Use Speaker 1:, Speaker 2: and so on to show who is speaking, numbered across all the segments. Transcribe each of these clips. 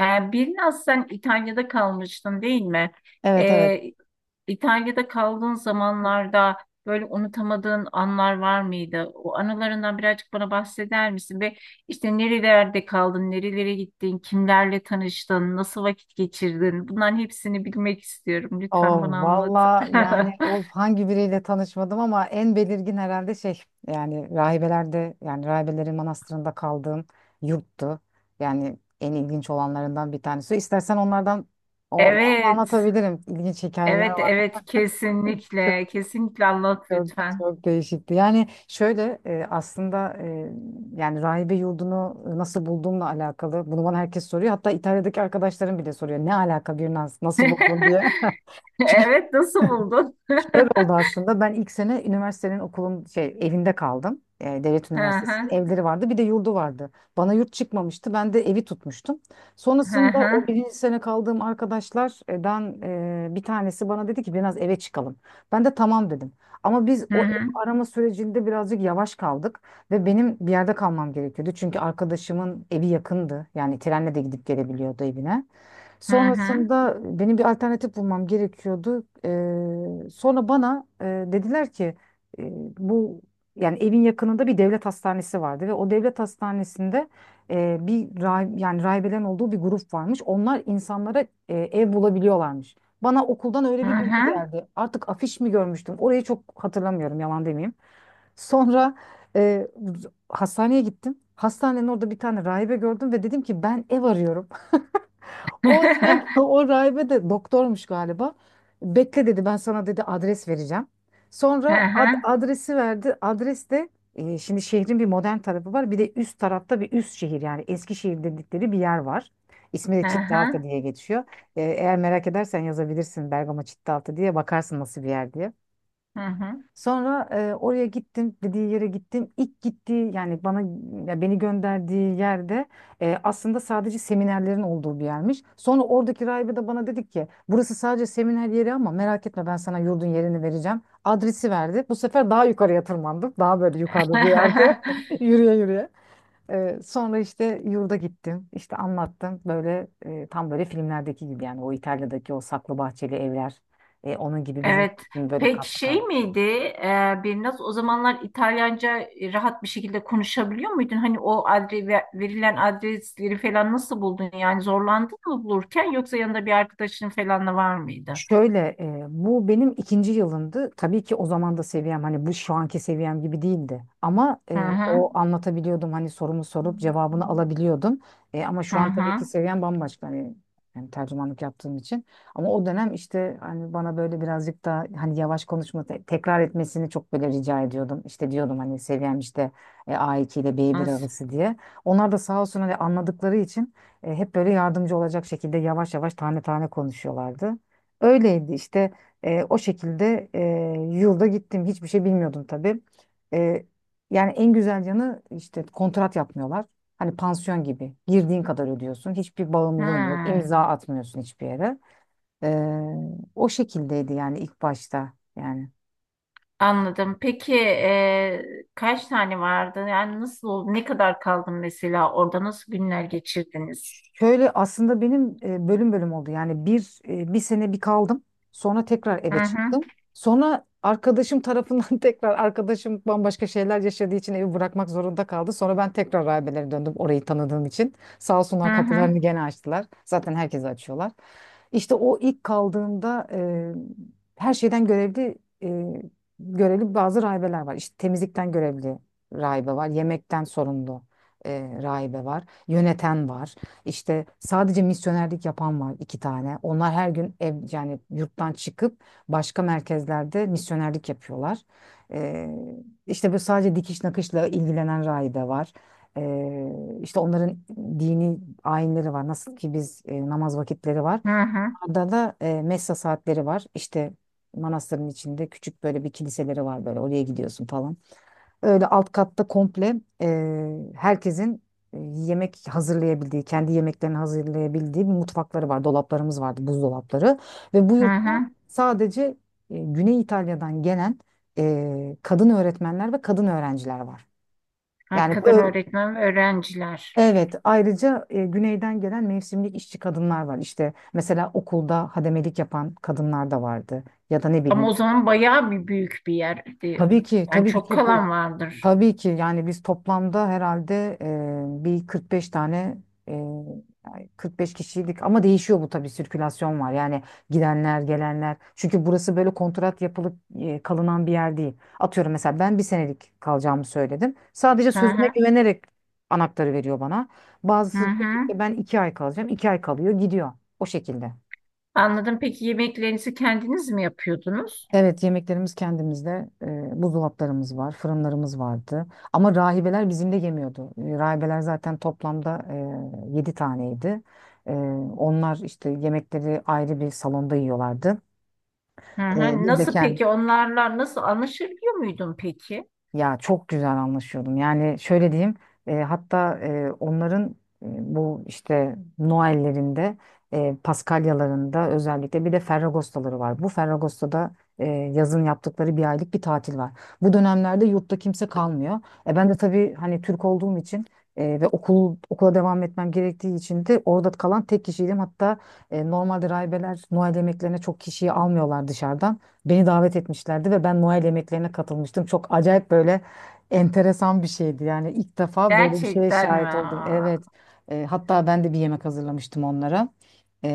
Speaker 1: Biraz sen İtalya'da kalmıştın değil mi?
Speaker 2: Evet, evet.
Speaker 1: Ee, İtalya'da kaldığın zamanlarda böyle unutamadığın anlar var mıydı? O anılarından birazcık bana bahseder misin? Ve işte nerelerde kaldın, nerelere gittin, kimlerle tanıştın, nasıl vakit geçirdin? Bunların hepsini bilmek istiyorum.
Speaker 2: O
Speaker 1: Lütfen bana anlat.
Speaker 2: Valla yani o hangi biriyle tanışmadım ama en belirgin herhalde şey, yani rahibelerde, yani rahibelerin manastırında kaldığım yurttu. Yani en ilginç olanlarından bir tanesi. İstersen onlardan o ama
Speaker 1: Evet,
Speaker 2: anlatabilirim. İlginç hikayeler
Speaker 1: evet,
Speaker 2: var.
Speaker 1: evet, kesinlikle,
Speaker 2: Çok
Speaker 1: kesinlikle anlat
Speaker 2: çok
Speaker 1: lütfen.
Speaker 2: çok değişikti. Yani şöyle aslında yani rahibe yurdunu nasıl bulduğumla alakalı. Bunu bana herkes soruyor. Hatta İtalya'daki arkadaşlarım bile soruyor. Ne alaka bir nasıl buldun diye.
Speaker 1: Evet, nasıl buldun?
Speaker 2: Şöyle oldu aslında. Ben ilk sene üniversitenin okulun şey evinde kaldım. Devlet
Speaker 1: Hı
Speaker 2: Üniversitesi'nin
Speaker 1: hı.
Speaker 2: evleri vardı. Bir de yurdu vardı. Bana yurt çıkmamıştı. Ben de evi tutmuştum.
Speaker 1: Hı
Speaker 2: Sonrasında o
Speaker 1: hı.
Speaker 2: birinci sene kaldığım arkadaşlardan bir tanesi bana dedi ki biraz eve çıkalım. Ben de tamam dedim. Ama biz
Speaker 1: Hı
Speaker 2: o ev
Speaker 1: hı.
Speaker 2: arama sürecinde birazcık yavaş kaldık ve benim bir yerde kalmam gerekiyordu. Çünkü arkadaşımın evi yakındı. Yani trenle de gidip gelebiliyordu evine.
Speaker 1: Hı hı.
Speaker 2: Sonrasında benim bir alternatif bulmam gerekiyordu. Sonra bana dediler ki e, bu yani evin yakınında bir devlet hastanesi vardı ve o devlet hastanesinde yani rahibelerin olduğu bir grup varmış. Onlar insanlara ev bulabiliyorlarmış. Bana okuldan öyle
Speaker 1: Hı
Speaker 2: bir bilgi
Speaker 1: hı.
Speaker 2: geldi. Artık afiş mi görmüştüm? Orayı çok hatırlamıyorum, yalan demeyeyim. Sonra e, hastaneye gittim. Hastanenin orada bir tane rahibe gördüm ve dedim ki ben ev arıyorum. O sanki o rahibe de doktormuş galiba. Bekle dedi, ben sana dedi adres vereceğim.
Speaker 1: Hı
Speaker 2: Sonra
Speaker 1: hı.
Speaker 2: adresi verdi. Adres de şimdi şehrin bir modern tarafı var. Bir de üst tarafta bir üst şehir, yani Eskişehir dedikleri bir yer var. İsmi de
Speaker 1: Hı
Speaker 2: Çitlaltı
Speaker 1: hı.
Speaker 2: diye geçiyor. Eğer merak edersen yazabilirsin Bergama Çitlaltı diye, bakarsın nasıl bir yer diye.
Speaker 1: Hı hı.
Speaker 2: Sonra oraya gittim, dediği yere gittim. İlk gittiği, yani bana ya beni gönderdiği yerde aslında sadece seminerlerin olduğu bir yermiş. Sonra oradaki rahibe de bana dedik ki burası sadece seminer yeri ama merak etme, ben sana yurdun yerini vereceğim. Adresi verdi. Bu sefer daha yukarıya tırmandım. Daha böyle yukarıda bir yerde yürüye yürüye. Sonra işte yurda gittim. İşte anlattım böyle tam böyle filmlerdeki gibi, yani o İtalya'daki o saklı bahçeli evler. Onun gibi bir yurt
Speaker 1: Evet.
Speaker 2: düşün, böyle
Speaker 1: Peki
Speaker 2: katlı
Speaker 1: şey
Speaker 2: katlı.
Speaker 1: miydi? E, Birnaz o zamanlar İtalyanca rahat bir şekilde konuşabiliyor muydun? Hani o adre, ve- verilen adresleri falan nasıl buldun? Yani zorlandın mı bulurken yoksa yanında bir arkadaşın falan da var mıydı?
Speaker 2: Şöyle bu benim ikinci yılımdı. Tabii ki o zaman da seviyem hani bu şu anki seviyem gibi değildi. Ama
Speaker 1: Hı hı.
Speaker 2: anlatabiliyordum, hani sorumu sorup cevabını alabiliyordum. Ama
Speaker 1: Hı
Speaker 2: şu an tabii ki
Speaker 1: hı.
Speaker 2: seviyem bambaşka hani, yani tercümanlık yaptığım için. Ama o dönem işte hani bana böyle birazcık da hani yavaş konuşma, tekrar etmesini çok böyle rica ediyordum. İşte diyordum hani seviyem işte A2 ile b bir
Speaker 1: Nasıl?
Speaker 2: arası diye. Onlar da sağ olsun hani anladıkları için hep böyle yardımcı olacak şekilde yavaş yavaş tane tane konuşuyorlardı. Öyleydi işte o şekilde yılda gittim, hiçbir şey bilmiyordum tabii. E, Yani en güzel yanı işte kontrat yapmıyorlar. Hani pansiyon gibi girdiğin kadar ödüyorsun, hiçbir bağımlılığın yok,
Speaker 1: Hı.
Speaker 2: imza atmıyorsun hiçbir yere. E, O şekildeydi yani ilk başta yani.
Speaker 1: Anladım. Peki kaç tane vardı? Yani nasıl oldu? Ne kadar kaldın mesela? Orada nasıl günler geçirdiniz?
Speaker 2: Şöyle aslında benim bölüm bölüm oldu. Yani bir sene kaldım. Sonra tekrar
Speaker 1: Hı
Speaker 2: eve
Speaker 1: hı,
Speaker 2: çıktım. Sonra arkadaşım tarafından tekrar arkadaşım bambaşka şeyler yaşadığı için evi bırakmak zorunda kaldı. Sonra ben tekrar rahibelere döndüm orayı tanıdığım için. Sağ
Speaker 1: hı
Speaker 2: olsunlar,
Speaker 1: hı,
Speaker 2: kapılarını gene açtılar. Zaten herkese açıyorlar. İşte o ilk kaldığımda her şeyden görevli e, görevli bazı rahibeler var. İşte temizlikten görevli rahibe var. Yemekten sorumlu rahibe var. Yöneten var. İşte sadece misyonerlik yapan var iki tane. Onlar her gün yani yurttan çıkıp başka merkezlerde misyonerlik yapıyorlar. Ee, işte böyle sadece dikiş nakışla ilgilenen rahibe var. İşte onların dini ayinleri var. Nasıl ki biz namaz vakitleri var.
Speaker 1: hı hı,
Speaker 2: Orada da messa saatleri var. İşte manastırın içinde küçük böyle bir kiliseleri var, böyle oraya gidiyorsun falan. Öyle alt katta komple yemek hazırlayabildiği, kendi yemeklerini hazırlayabildiği bir mutfakları var. Dolaplarımız vardı, buzdolapları. Ve bu
Speaker 1: hı
Speaker 2: yurtta
Speaker 1: hı.
Speaker 2: sadece Güney İtalya'dan gelen kadın öğretmenler ve kadın öğrenciler var. Yani
Speaker 1: Hakikaten
Speaker 2: ö-
Speaker 1: öğretmen ve öğrenciler.
Speaker 2: evet, ayrıca Güney'den gelen mevsimlik işçi kadınlar var. İşte mesela okulda hademelik yapan kadınlar da vardı. Ya da ne
Speaker 1: Ama
Speaker 2: bileyim.
Speaker 1: o zaman bayağı bir büyük bir yerdi.
Speaker 2: Tabii ki,
Speaker 1: Yani
Speaker 2: tabii ki
Speaker 1: çok
Speaker 2: çok büyük.
Speaker 1: kalan vardır.
Speaker 2: Tabii ki yani biz toplamda herhalde bir 45 tane e, yani 45 kişiydik, ama değişiyor bu tabii, sirkülasyon var yani, gidenler gelenler, çünkü burası böyle kontrat yapılıp kalınan bir yer değil. Atıyorum mesela ben bir senelik kalacağımı söyledim, sadece
Speaker 1: Hı
Speaker 2: sözüme
Speaker 1: hı,
Speaker 2: güvenerek anahtarı veriyor bana,
Speaker 1: hı
Speaker 2: bazısı diyor ki
Speaker 1: hı.
Speaker 2: işte ben iki ay kalacağım, iki ay kalıyor, gidiyor. O şekilde.
Speaker 1: Anladım. Peki yemeklerinizi kendiniz mi yapıyordunuz?
Speaker 2: Evet, yemeklerimiz kendimizde, buzdolaplarımız var, fırınlarımız vardı. Ama rahibeler bizim de yemiyordu. Rahibeler zaten toplamda 7 taneydi. E, Onlar işte yemekleri ayrı bir salonda yiyorlardı.
Speaker 1: Hı hı.
Speaker 2: Biz de. Hı.
Speaker 1: Nasıl peki onlarla nasıl anlaşabiliyor muydun peki?
Speaker 2: Ya çok güzel anlaşıyordum. Yani şöyle diyeyim, hatta onların e, bu işte Noel'lerinde, Paskalyalarında, özellikle bir de Ferragostaları var. Bu Ferragosto'da yazın yaptıkları bir aylık bir tatil var. Bu dönemlerde yurtta kimse kalmıyor. Ben de tabii hani Türk olduğum için ve okula devam etmem gerektiği için de orada kalan tek kişiydim. Hatta normalde rahibeler Noel yemeklerine çok kişiyi almıyorlar dışarıdan. Beni davet etmişlerdi ve ben Noel yemeklerine katılmıştım. Çok acayip, böyle enteresan bir şeydi. Yani ilk defa böyle bir şeye
Speaker 1: Gerçekten mi?
Speaker 2: şahit oldum. Evet. Hatta ben de bir yemek hazırlamıştım onlara. E,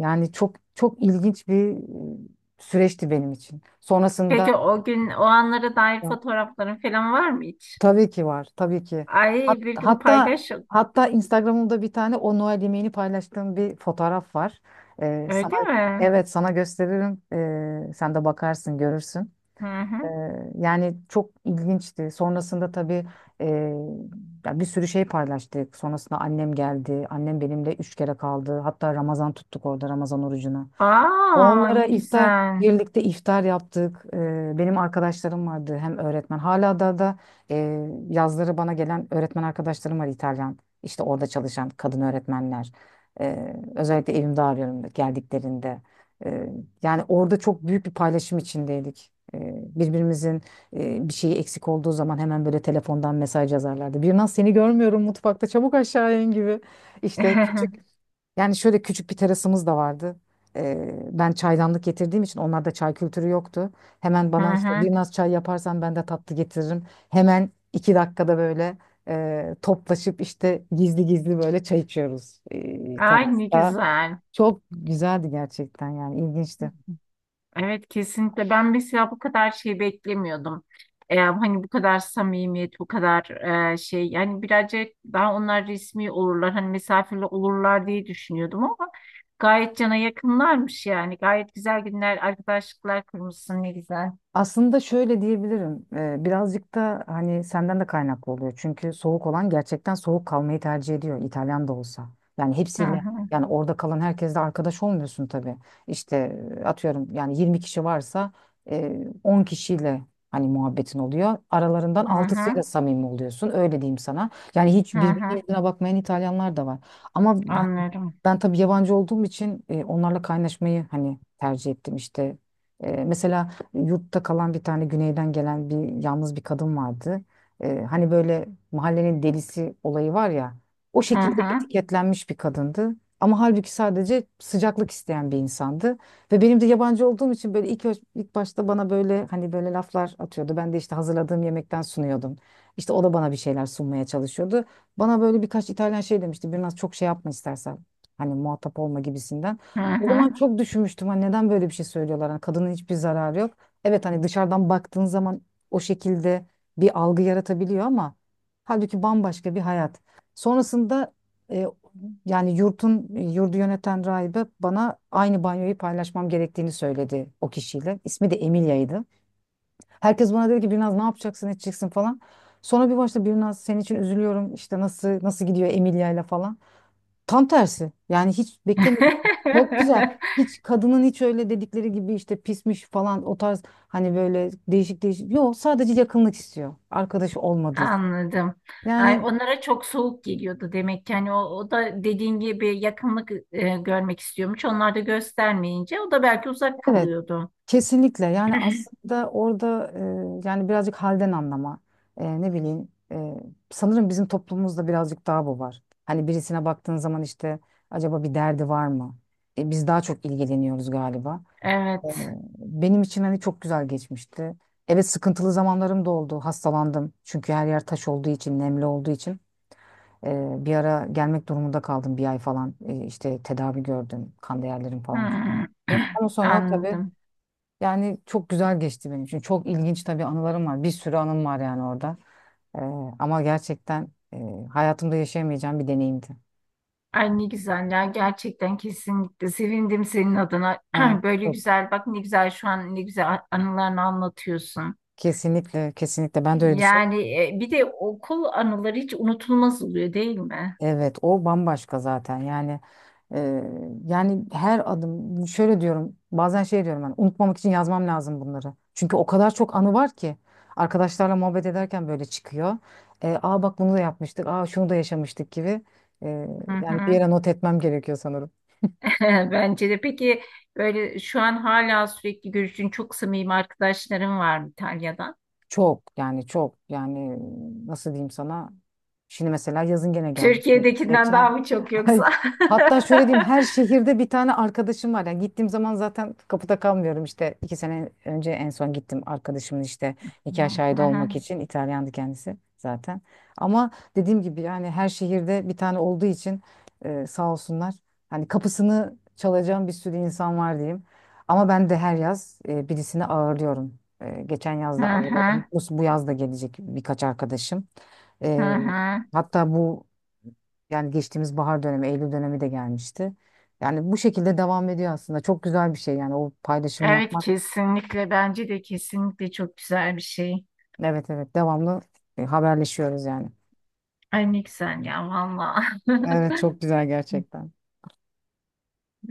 Speaker 2: Yani çok çok ilginç bir süreçti benim için.
Speaker 1: Peki
Speaker 2: Sonrasında
Speaker 1: o gün o anlara dair fotoğrafların falan var mı hiç?
Speaker 2: tabii ki var, tabii ki.
Speaker 1: Ay bir gün
Speaker 2: Hatta
Speaker 1: paylaş.
Speaker 2: hatta Instagram'ımda bir tane o Noel yemeğini paylaştığım bir fotoğraf var. Sana,
Speaker 1: Öyle mi?
Speaker 2: evet, sana gösteririm. Sen de bakarsın, görürsün.
Speaker 1: Hı
Speaker 2: Ee,
Speaker 1: hı.
Speaker 2: Yani çok ilginçti. Sonrasında tabii e, ya bir sürü şey paylaştık. Sonrasında annem geldi. Annem benimle üç kere kaldı. Hatta Ramazan tuttuk orada, Ramazan orucunu.
Speaker 1: Aa
Speaker 2: Onlara
Speaker 1: ne
Speaker 2: iftar,
Speaker 1: güzel.
Speaker 2: birlikte iftar yaptık. Benim arkadaşlarım vardı hem öğretmen hala da yazları bana gelen öğretmen arkadaşlarım var, İtalyan. İşte orada çalışan kadın öğretmenler. Özellikle evimde arıyorum geldiklerinde. Ee, Yani orada çok büyük bir paylaşım içindeydik. Birbirimizin bir şeyi eksik olduğu zaman hemen böyle telefondan mesaj yazarlardı. Bir seni görmüyorum mutfakta, çabuk aşağı in gibi. İşte küçük, yani şöyle küçük bir terasımız da vardı. Ben çaydanlık getirdiğim için onlarda çay kültürü yoktu. Hemen
Speaker 1: Hı
Speaker 2: bana işte,
Speaker 1: hı.
Speaker 2: bir naz çay yaparsan ben de tatlı getiririm. Hemen iki dakikada böyle toplaşıp işte gizli gizli böyle çay içiyoruz
Speaker 1: Ay ne
Speaker 2: terasta.
Speaker 1: güzel.
Speaker 2: Çok güzeldi gerçekten, yani ilginçti.
Speaker 1: Evet kesinlikle. Ben mesela bu kadar şey beklemiyordum. Hani bu kadar samimiyet, bu kadar şey. Yani birazcık daha onlar resmi olurlar. Hani mesafeli olurlar diye düşünüyordum ama gayet cana yakınlarmış yani. Gayet güzel günler, arkadaşlıklar kurmuşsun ne güzel.
Speaker 2: Aslında şöyle diyebilirim. Birazcık da hani senden de kaynaklı oluyor. Çünkü soğuk olan gerçekten soğuk kalmayı tercih ediyor. İtalyan da olsa. Yani
Speaker 1: Hı
Speaker 2: hepsiyle
Speaker 1: hı.
Speaker 2: yani orada kalan herkesle arkadaş olmuyorsun tabii. İşte atıyorum yani 20 kişi varsa 10 kişiyle hani muhabbetin oluyor. Aralarından
Speaker 1: Hı hı,
Speaker 2: altısıyla samimi oluyorsun. Öyle diyeyim sana. Yani hiç
Speaker 1: hı
Speaker 2: birbirinin
Speaker 1: hı,
Speaker 2: yüzüne bakmayan İtalyanlar da var. Ama hani
Speaker 1: anlarım.
Speaker 2: ben tabii yabancı olduğum için onlarla kaynaşmayı hani tercih ettim işte. Mesela yurtta kalan bir tane güneyden gelen bir yalnız bir kadın vardı. Hani böyle mahallenin delisi olayı var ya, o
Speaker 1: Hı
Speaker 2: şekilde
Speaker 1: hı,
Speaker 2: etiketlenmiş bir kadındı. Ama halbuki sadece sıcaklık isteyen bir insandı. Ve benim de yabancı olduğum için böyle ilk başta bana böyle hani böyle laflar atıyordu. Ben de işte hazırladığım yemekten sunuyordum. İşte o da bana bir şeyler sunmaya çalışıyordu. Bana böyle birkaç İtalyan şey demişti. Biraz çok şey yapma istersen. Hani muhatap olma gibisinden.
Speaker 1: hı
Speaker 2: O zaman
Speaker 1: hı.
Speaker 2: çok düşünmüştüm. Hani neden böyle bir şey söylüyorlar? Hani kadının hiçbir zararı yok. Evet, hani dışarıdan baktığın zaman o şekilde bir algı yaratabiliyor ama halbuki bambaşka bir hayat. Sonrasında e, yani yurtun yurdu yöneten rahibe bana aynı banyoyu paylaşmam gerektiğini söyledi o kişiyle. İsmi de Emilya'ydı. Herkes bana dedi ki biraz ne yapacaksın edeceksin falan. Sonra bir başta biraz senin için üzülüyorum işte, nasıl nasıl gidiyor Emilya'yla falan. Tam tersi. Yani hiç beklemedim. Çok güzel. Hiç kadının hiç öyle dedikleri gibi işte pismiş falan, o tarz hani böyle değişik değişik. Yok, sadece yakınlık istiyor. Arkadaşı olmadığı için.
Speaker 1: Anladım. Ay,
Speaker 2: Yani
Speaker 1: onlara çok soğuk geliyordu demek ki. Hani o, o da dediğin gibi yakınlık görmek istiyormuş. Onlar da göstermeyince o da belki uzak
Speaker 2: evet,
Speaker 1: kalıyordu.
Speaker 2: kesinlikle, yani aslında orada yani birazcık halden anlama. Ne bileyim, sanırım bizim toplumumuzda birazcık daha bu var. Hani birisine baktığın zaman işte acaba bir derdi var mı? Biz daha çok ilgileniyoruz galiba. Ee,
Speaker 1: Evet.
Speaker 2: Benim için hani çok güzel geçmişti. Evet sıkıntılı zamanlarım da oldu. Hastalandım. Çünkü her yer taş olduğu için, nemli olduğu için. Bir ara gelmek durumunda kaldım, bir ay falan. İşte tedavi gördüm. Kan değerlerim falan çok
Speaker 1: Hmm.
Speaker 2: düştü. Ama sonra tabii
Speaker 1: Anladım.
Speaker 2: yani çok güzel geçti benim için. Çok ilginç tabii, anılarım var. Bir sürü anım var yani orada. Ee, Ama gerçekten hayatımda yaşayamayacağım bir deneyimdi.
Speaker 1: Ay ne güzel ya gerçekten kesinlikle sevindim senin adına.
Speaker 2: Ha,
Speaker 1: Böyle
Speaker 2: çok,
Speaker 1: güzel bak ne güzel şu an ne güzel anılarını anlatıyorsun.
Speaker 2: kesinlikle, kesinlikle ben de öyle düşünüyorum.
Speaker 1: Yani bir de okul anıları hiç unutulmaz oluyor değil mi?
Speaker 2: Evet, o bambaşka zaten. Yani e, her adım şöyle diyorum. Bazen şey diyorum hani unutmamak için yazmam lazım bunları. Çünkü o kadar çok anı var ki arkadaşlarla muhabbet ederken böyle çıkıyor. Aa bak bunu da yapmıştık. Aa şunu da yaşamıştık gibi. E,
Speaker 1: Hı
Speaker 2: Yani bir
Speaker 1: hı.
Speaker 2: yere not etmem gerekiyor sanırım.
Speaker 1: Bence de. Peki böyle şu an hala sürekli görüştüğün çok samimi arkadaşların var mı İtalya'dan?
Speaker 2: Çok yani nasıl diyeyim sana? Şimdi mesela yazın gene geldik.
Speaker 1: Türkiye'dekinden daha
Speaker 2: Geçen
Speaker 1: mı çok yoksa?
Speaker 2: hatta şöyle diyeyim, her şehirde bir tane arkadaşım var. Yani gittiğim zaman zaten kapıda kalmıyorum, işte iki sene önce en son gittim arkadaşımın işte nikah
Speaker 1: Hı
Speaker 2: şahidi
Speaker 1: hı,
Speaker 2: olmak için, İtalyandı kendisi zaten. Ama dediğim gibi yani her şehirde bir tane olduğu için sağ olsunlar. Hani kapısını çalacağım bir sürü insan var diyeyim. Ama ben de her yaz birisini ağırlıyorum. Geçen yaz
Speaker 1: hı
Speaker 2: da
Speaker 1: hı,
Speaker 2: ağırladım. Bu yaz da gelecek birkaç arkadaşım.
Speaker 1: hı
Speaker 2: Ee,
Speaker 1: hı.
Speaker 2: Hatta yani geçtiğimiz bahar dönemi, Eylül dönemi de gelmişti. Yani bu şekilde devam ediyor aslında. Çok güzel bir şey yani o paylaşımı
Speaker 1: Evet
Speaker 2: yapmak.
Speaker 1: kesinlikle bence de kesinlikle çok güzel bir şey.
Speaker 2: Evet, evet, devamlı haberleşiyoruz yani.
Speaker 1: Ay ne güzel ya valla.
Speaker 2: Evet çok güzel gerçekten.